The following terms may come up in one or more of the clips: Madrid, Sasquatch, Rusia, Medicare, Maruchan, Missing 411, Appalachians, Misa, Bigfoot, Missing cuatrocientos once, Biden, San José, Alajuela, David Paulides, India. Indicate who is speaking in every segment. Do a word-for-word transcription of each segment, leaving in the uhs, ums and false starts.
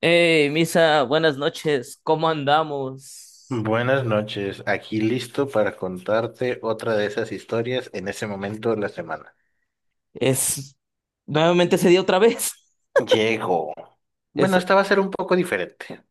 Speaker 1: Hey, Misa, buenas noches, ¿cómo andamos?
Speaker 2: Buenas noches, aquí listo para contarte otra de esas historias en ese momento de la semana.
Speaker 1: Es nuevamente se dio otra vez.
Speaker 2: Llego. Bueno,
Speaker 1: Eso,
Speaker 2: esta va a ser un poco diferente.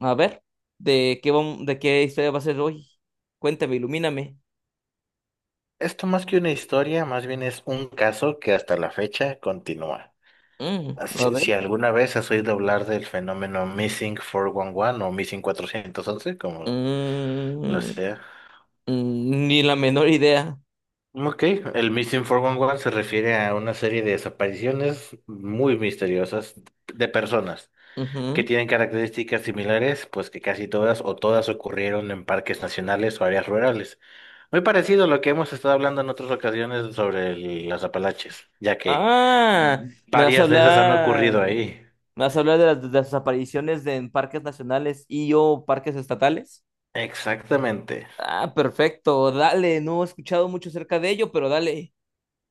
Speaker 1: a ver, ¿de qué vam- de qué historia va a ser hoy? Cuéntame, ilumíname.
Speaker 2: Esto más que una historia, más bien es un caso que hasta la fecha continúa.
Speaker 1: Mm, a
Speaker 2: Si, si
Speaker 1: ver.
Speaker 2: alguna vez has oído hablar del fenómeno Missing cuatrocientos once o Missing cuatrocientos once, como lo
Speaker 1: Mm,
Speaker 2: sea.
Speaker 1: mm, ni la menor idea.
Speaker 2: Ok, el Missing cuatrocientos once se refiere a una serie de desapariciones muy misteriosas de personas que
Speaker 1: Ujú.
Speaker 2: tienen características similares, pues que casi todas o todas ocurrieron en parques nacionales o áreas rurales. Muy parecido a lo que hemos estado hablando en otras ocasiones sobre el- las Apalaches, ya que
Speaker 1: Ah, me vas a
Speaker 2: varias de esas han ocurrido
Speaker 1: hablar,
Speaker 2: ahí.
Speaker 1: me vas a hablar de las de las desapariciones de- en parques nacionales y o parques estatales.
Speaker 2: Exactamente.
Speaker 1: Ah, perfecto, dale, no he escuchado mucho acerca de ello, pero dale.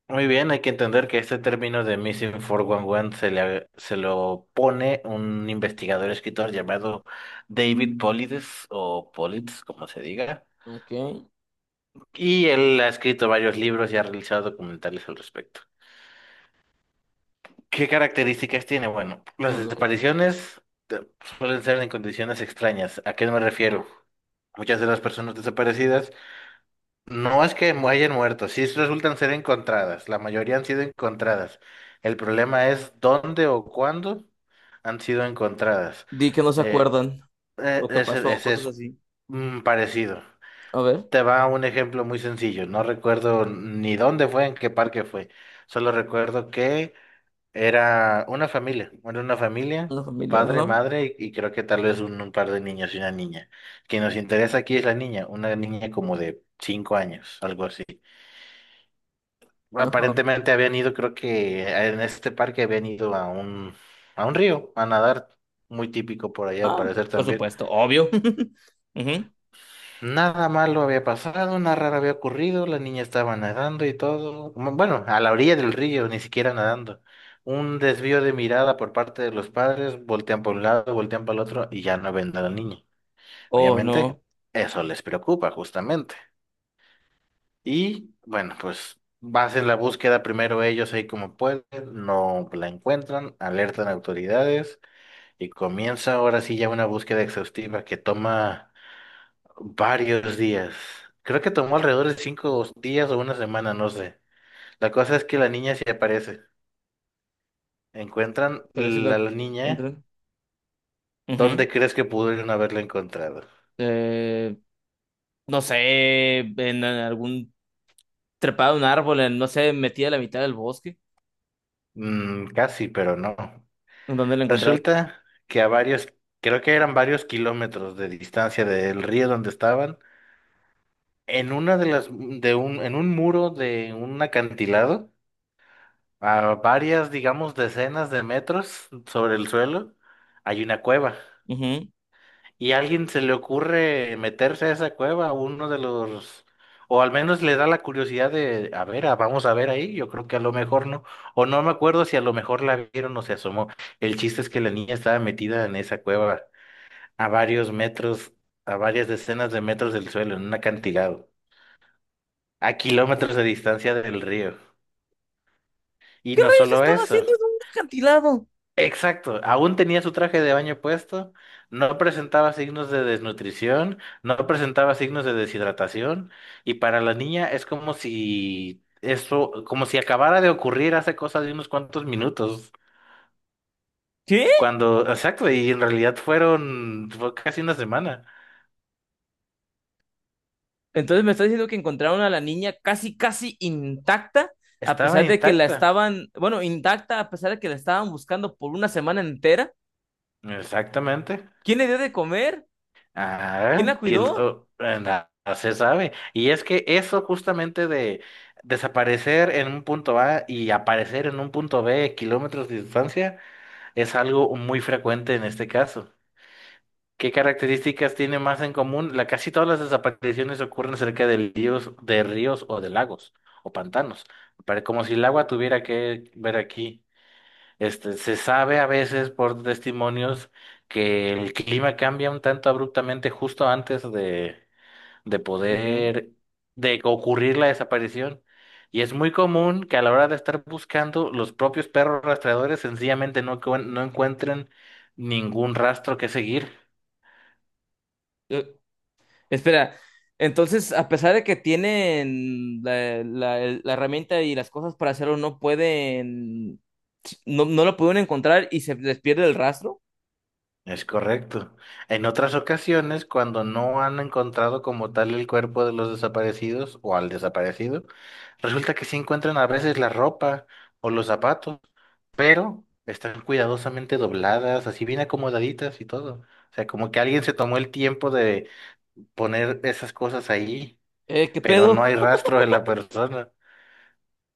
Speaker 2: Muy bien, hay que entender que este término de Missing cuatrocientos once se le, se lo pone un investigador escritor llamado David Polides o Politz, como se diga,
Speaker 1: Ok.
Speaker 2: y él ha escrito varios libros y ha realizado documentales al respecto. ¿Qué características tiene? Bueno,
Speaker 1: A
Speaker 2: las
Speaker 1: ver.
Speaker 2: desapariciones eh, suelen ser en condiciones extrañas. ¿A qué me refiero? Muchas de las personas desaparecidas no es que mu- hayan muerto, sí resultan ser encontradas. La mayoría han sido encontradas. El problema es dónde o cuándo han sido encontradas.
Speaker 1: Di que no se
Speaker 2: Eh,
Speaker 1: acuerdan
Speaker 2: eh,
Speaker 1: lo que
Speaker 2: ese,
Speaker 1: pasó,
Speaker 2: ese
Speaker 1: cosas
Speaker 2: es
Speaker 1: así.
Speaker 2: mm, parecido.
Speaker 1: A ver,
Speaker 2: Te va un ejemplo muy sencillo. No recuerdo ni dónde fue, en qué parque fue. Solo recuerdo que era una familia, era una familia,
Speaker 1: la familia,
Speaker 2: padre,
Speaker 1: ajá,
Speaker 2: madre y, y creo que tal vez un, un par de niños y una niña. Quien nos interesa aquí es la niña, una niña como de cinco años, algo así.
Speaker 1: ajá.
Speaker 2: Aparentemente habían ido, creo que en este parque habían ido a un, a un río a nadar, muy típico por allá al
Speaker 1: Ah,
Speaker 2: parecer
Speaker 1: por
Speaker 2: también.
Speaker 1: supuesto, obvio. Ujú.
Speaker 2: Nada malo había pasado, nada raro había ocurrido, la niña estaba nadando y todo. Mm, Bueno, a la orilla del río, ni siquiera nadando. Un desvío de mirada por parte de los padres, voltean por un lado, voltean para el otro y ya no ven a la niña.
Speaker 1: Oh, no,
Speaker 2: Obviamente, eso les preocupa justamente. Y bueno, pues hacen la búsqueda primero ellos ahí como pueden, no la encuentran, alertan a autoridades y comienza ahora sí ya una búsqueda exhaustiva que toma Varios días. Creo que tomó alrededor de cinco días o una semana, no sé. La cosa es que la niña se aparece. Encuentran
Speaker 1: parece
Speaker 2: la,
Speaker 1: lo
Speaker 2: la niña.
Speaker 1: entran. Ujú.
Speaker 2: ¿Dónde crees que pudieron haberla encontrado?
Speaker 1: Eh, no sé, en en algún trepado de un árbol, en, no sé, metida a la mitad del bosque,
Speaker 2: Mm, casi, pero no.
Speaker 1: en dónde la encontraron.
Speaker 2: Resulta que a varios, creo que eran varios kilómetros de distancia del río donde estaban, en una de las, de un, en un muro de un acantilado, a varias, digamos, decenas de metros sobre el suelo, hay una cueva.
Speaker 1: Ujú.
Speaker 2: y a alguien se le ocurre meterse a esa cueva, uno de los, o al menos le da la curiosidad de, a ver, ah, vamos a ver ahí, yo creo que a lo mejor no, o no me acuerdo si a lo mejor la vieron o se asomó. El chiste es que la niña estaba metida en esa cueva a varios metros, a varias decenas de metros del suelo, en un acantilado, a kilómetros de distancia del río. Y
Speaker 1: ¿Qué
Speaker 2: no
Speaker 1: rayos
Speaker 2: solo
Speaker 1: estaba
Speaker 2: eso.
Speaker 1: haciendo en un acantilado?
Speaker 2: Exacto, aún tenía su traje de baño puesto, no presentaba signos de desnutrición, no presentaba signos de deshidratación, y para la niña es como si eso, como si acabara de ocurrir hace cosa de unos cuantos minutos,
Speaker 1: ¿Qué?
Speaker 2: cuando, exacto, y en realidad fueron, fue casi una semana,
Speaker 1: Entonces me está diciendo que encontraron a la niña casi, casi intacta, a
Speaker 2: estaba
Speaker 1: pesar de que la
Speaker 2: intacta,
Speaker 1: estaban, bueno, intacta, a pesar de que la estaban buscando por una semana entera.
Speaker 2: exactamente.
Speaker 1: ¿Quién le dio de comer? ¿Quién
Speaker 2: Ah,
Speaker 1: la
Speaker 2: quién
Speaker 1: cuidó?
Speaker 2: oh, eh, na- no se sabe. Y es que eso justamente de desaparecer en un punto A y aparecer en un punto be, kilómetros de distancia, es algo muy frecuente en este caso. ¿Qué características tiene más en común? La, casi todas las desapariciones ocurren cerca de ríos, de ríos o de lagos o pantanos. Pare- Como si el agua tuviera que ver aquí. Este, se sabe a veces por testimonios que el clima cambia un tanto abruptamente justo antes de, de
Speaker 1: Ujú.
Speaker 2: poder, de que ocurrir la desaparición. Y es muy común que a la hora de estar buscando, los propios perros rastreadores sencillamente no, cuen- no encuentren ningún rastro que seguir.
Speaker 1: Eh, espera, entonces, a pesar de que tienen la, la- el- la herramienta y las cosas para hacerlo, no pueden, no, no lo pudieron encontrar y se les pierde el rastro.
Speaker 2: Es correcto. En otras ocasiones, cuando no han encontrado como tal el cuerpo de los desaparecidos o al desaparecido, resulta que sí encuentran a veces la ropa o los zapatos, pero están cuidadosamente dobladas, así bien acomodaditas y todo. O sea, como que alguien se tomó el tiempo de poner esas cosas ahí,
Speaker 1: Eh, ¿qué
Speaker 2: pero no hay
Speaker 1: pedo?
Speaker 2: rastro de la persona.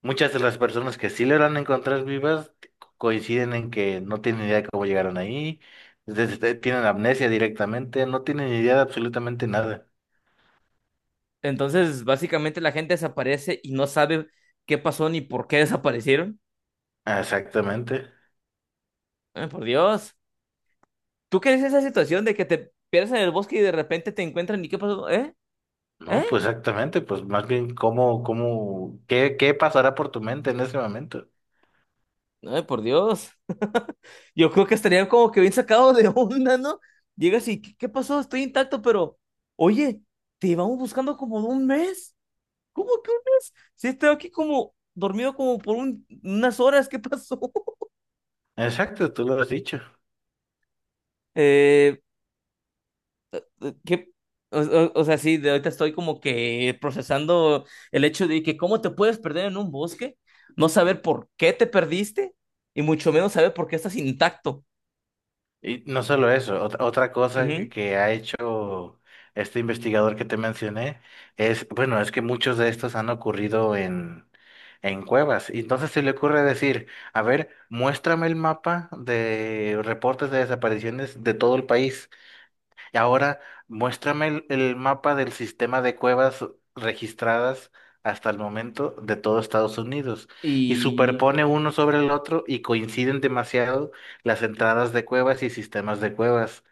Speaker 2: Muchas de las personas que sí logran encontrar vivas co- coinciden en que no tienen idea de cómo llegaron ahí, desde- tienen amnesia directamente, no tienen idea de absolutamente nada.
Speaker 1: Entonces, básicamente la gente desaparece y no sabe qué pasó ni por qué desaparecieron.
Speaker 2: Exactamente.
Speaker 1: Ay, por Dios. ¿Tú qué es esa situación de que te pierdes en el bosque y de repente te encuentran y qué pasó? ¿Eh?
Speaker 2: No,
Speaker 1: ¿Eh?
Speaker 2: pues exactamente, pues más bien cómo, cómo, qué, qué pasará por tu mente en ese momento.
Speaker 1: Ay, por Dios. Yo creo que estarían como que bien sacados de onda, ¿no? Llegas y, ¿qué, qué pasó? Estoy intacto, pero, oye, te llevamos buscando como un mes. ¿Cómo que un mes? Si he estado aquí como dormido como por un- unas horas, ¿qué pasó?
Speaker 2: Exacto, tú lo has dicho.
Speaker 1: Eh, eh, ¿Qué? O, o- o sea, sí, de ahorita estoy como que procesando el hecho de que cómo te puedes perder en un bosque, no saber por qué te perdiste y mucho menos saber por qué estás intacto.
Speaker 2: Y no solo eso, otra, otra cosa que
Speaker 1: Ujú.
Speaker 2: que ha hecho este investigador que te mencioné es, bueno, es que muchos de estos han ocurrido en, en cuevas. Y entonces se le ocurre decir, a ver, muéstrame el mapa de reportes de desapariciones de todo el país. Ahora, muéstrame el, el mapa del sistema de cuevas registradas hasta el momento de todo Estados Unidos y
Speaker 1: Y,
Speaker 2: superpone uno sobre el otro y coinciden demasiado las entradas de cuevas y sistemas de cuevas.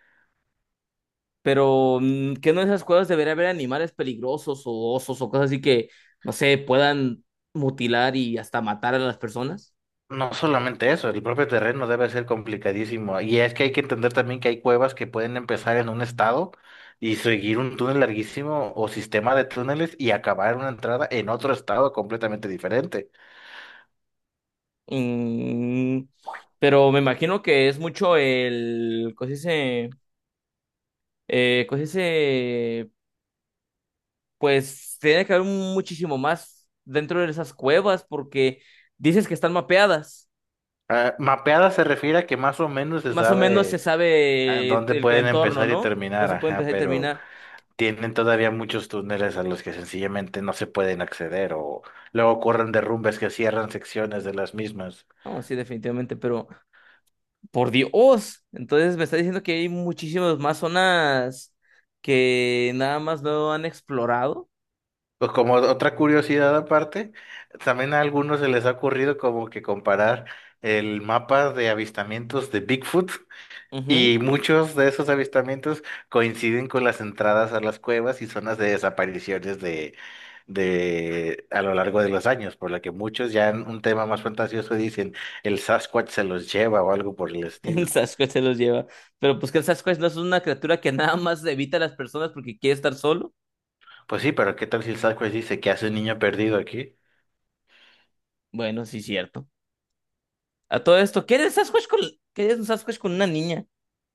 Speaker 1: pero, mm, ¿qué no en esas cuevas debería haber animales peligrosos o osos o cosas así que, no sé, puedan mutilar y hasta matar a las personas?
Speaker 2: No solamente eso, el propio terreno debe ser complicadísimo. Y es que hay que entender también que hay cuevas que pueden empezar en un estado y seguir un túnel larguísimo o sistema de túneles y acabar una entrada en otro estado completamente diferente.
Speaker 1: Mm, pero me imagino que es mucho el, ¿cómo se dice? Eh, ¿cómo se dice? Pues tiene que haber muchísimo más dentro de esas cuevas porque dices que están mapeadas.
Speaker 2: Ah, mapeada se refiere a que más o menos se
Speaker 1: Más o menos se
Speaker 2: sabe a
Speaker 1: sabe
Speaker 2: dónde
Speaker 1: el
Speaker 2: pueden
Speaker 1: entorno,
Speaker 2: empezar y
Speaker 1: ¿no? No
Speaker 2: terminar,
Speaker 1: se puede
Speaker 2: ajá,
Speaker 1: empezar y
Speaker 2: pero
Speaker 1: terminar.
Speaker 2: tienen todavía muchos túneles a los que sencillamente no se pueden acceder o luego ocurren derrumbes que cierran secciones de las mismas.
Speaker 1: No, sí, definitivamente, pero por Dios. Entonces me está diciendo que hay muchísimas más zonas que nada más no han explorado.
Speaker 2: Pues como otra curiosidad aparte, también a algunos se les ha ocurrido como que comparar el mapa de avistamientos de Bigfoot.
Speaker 1: Ujú.
Speaker 2: Y muchos de esos avistamientos coinciden con las entradas a las cuevas y zonas de desapariciones de, de a lo largo de los años, por lo que muchos ya en un tema más fantasioso dicen el Sasquatch se los lleva o algo por el
Speaker 1: El
Speaker 2: estilo.
Speaker 1: Sasquatch se los lleva. Pero pues que el Sasquatch no es una criatura que nada más evita a las personas porque quiere estar solo.
Speaker 2: Pues sí, pero ¿qué tal si el Sasquatch dice que hace un niño perdido aquí?
Speaker 1: Bueno, sí, cierto. A todo esto, ¿qué haría el Sasquatch con, qué haría un Sasquatch con una niña?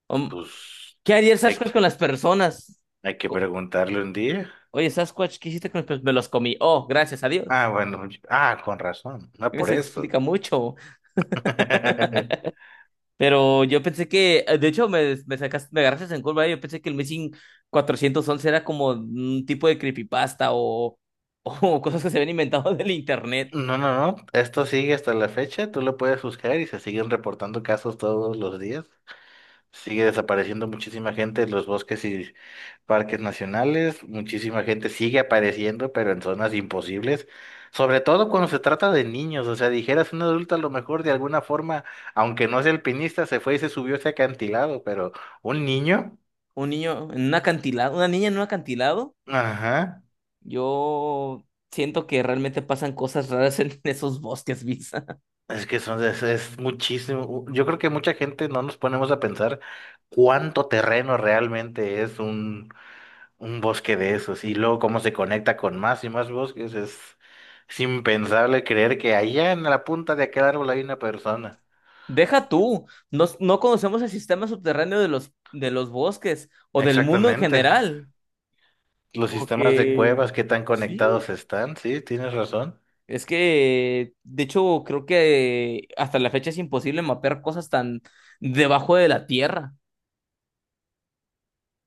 Speaker 1: Om,
Speaker 2: Pues
Speaker 1: ¿qué haría el
Speaker 2: hay
Speaker 1: Sasquatch
Speaker 2: que,
Speaker 1: con las personas?
Speaker 2: hay que
Speaker 1: Co-
Speaker 2: preguntarle un día.
Speaker 1: oye, Sasquatch, ¿qué hiciste con las personas? Me los comí. Oh, gracias a Dios.
Speaker 2: Ah, bueno, ah, con razón, no por
Speaker 1: Eso
Speaker 2: eso.
Speaker 1: explica mucho. Pero yo pensé que, eh, de hecho, me, me sacaste, me agarraste en curva. Eh, yo pensé que el Missing cuatrocientos once era como un tipo de creepypasta o, o cosas que se habían inventado del internet.
Speaker 2: No, no, no. Esto sigue hasta la fecha. Tú lo puedes buscar y se siguen reportando casos todos los días. Sigue desapareciendo muchísima gente en los bosques y parques nacionales. Muchísima gente sigue apareciendo, pero en zonas imposibles. Sobre todo cuando se trata de niños. O sea, dijeras un adulto a lo mejor de alguna forma, aunque no sea alpinista, se fue y se subió a ese acantilado, pero un niño.
Speaker 1: Un niño en un acantilado, una niña en un acantilado.
Speaker 2: Ajá.
Speaker 1: Yo siento que realmente pasan cosas raras en esos bosques, Visa.
Speaker 2: Es que son, es, es muchísimo. Yo creo que mucha gente no nos ponemos a pensar cuánto terreno realmente es un, un, bosque de esos y luego cómo se conecta con más y más bosques. Es, es impensable creer que allá en la punta de aquel árbol hay una persona.
Speaker 1: Deja tú, no, no conocemos el sistema subterráneo de los, de los bosques o del mundo en
Speaker 2: Exactamente.
Speaker 1: general,
Speaker 2: Los sistemas de
Speaker 1: porque
Speaker 2: cuevas, qué tan
Speaker 1: sí,
Speaker 2: conectados están. Sí, tienes razón.
Speaker 1: es que de hecho creo que hasta la fecha es imposible mapear cosas tan debajo de la tierra.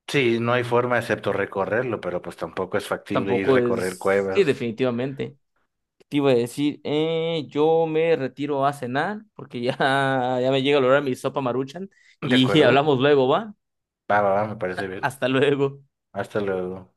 Speaker 2: Sí, no hay forma excepto recorrerlo, pero pues tampoco es factible ir a
Speaker 1: Tampoco
Speaker 2: recorrer
Speaker 1: es, sí,
Speaker 2: cuevas.
Speaker 1: definitivamente. Te iba a decir, eh, yo me retiro a cenar porque ya, ya me llega el hora de mi sopa Maruchan
Speaker 2: ¿De
Speaker 1: y
Speaker 2: acuerdo?
Speaker 1: hablamos luego, ¿va?
Speaker 2: Va, va, va, me parece bien.
Speaker 1: Hasta luego.
Speaker 2: Hasta luego.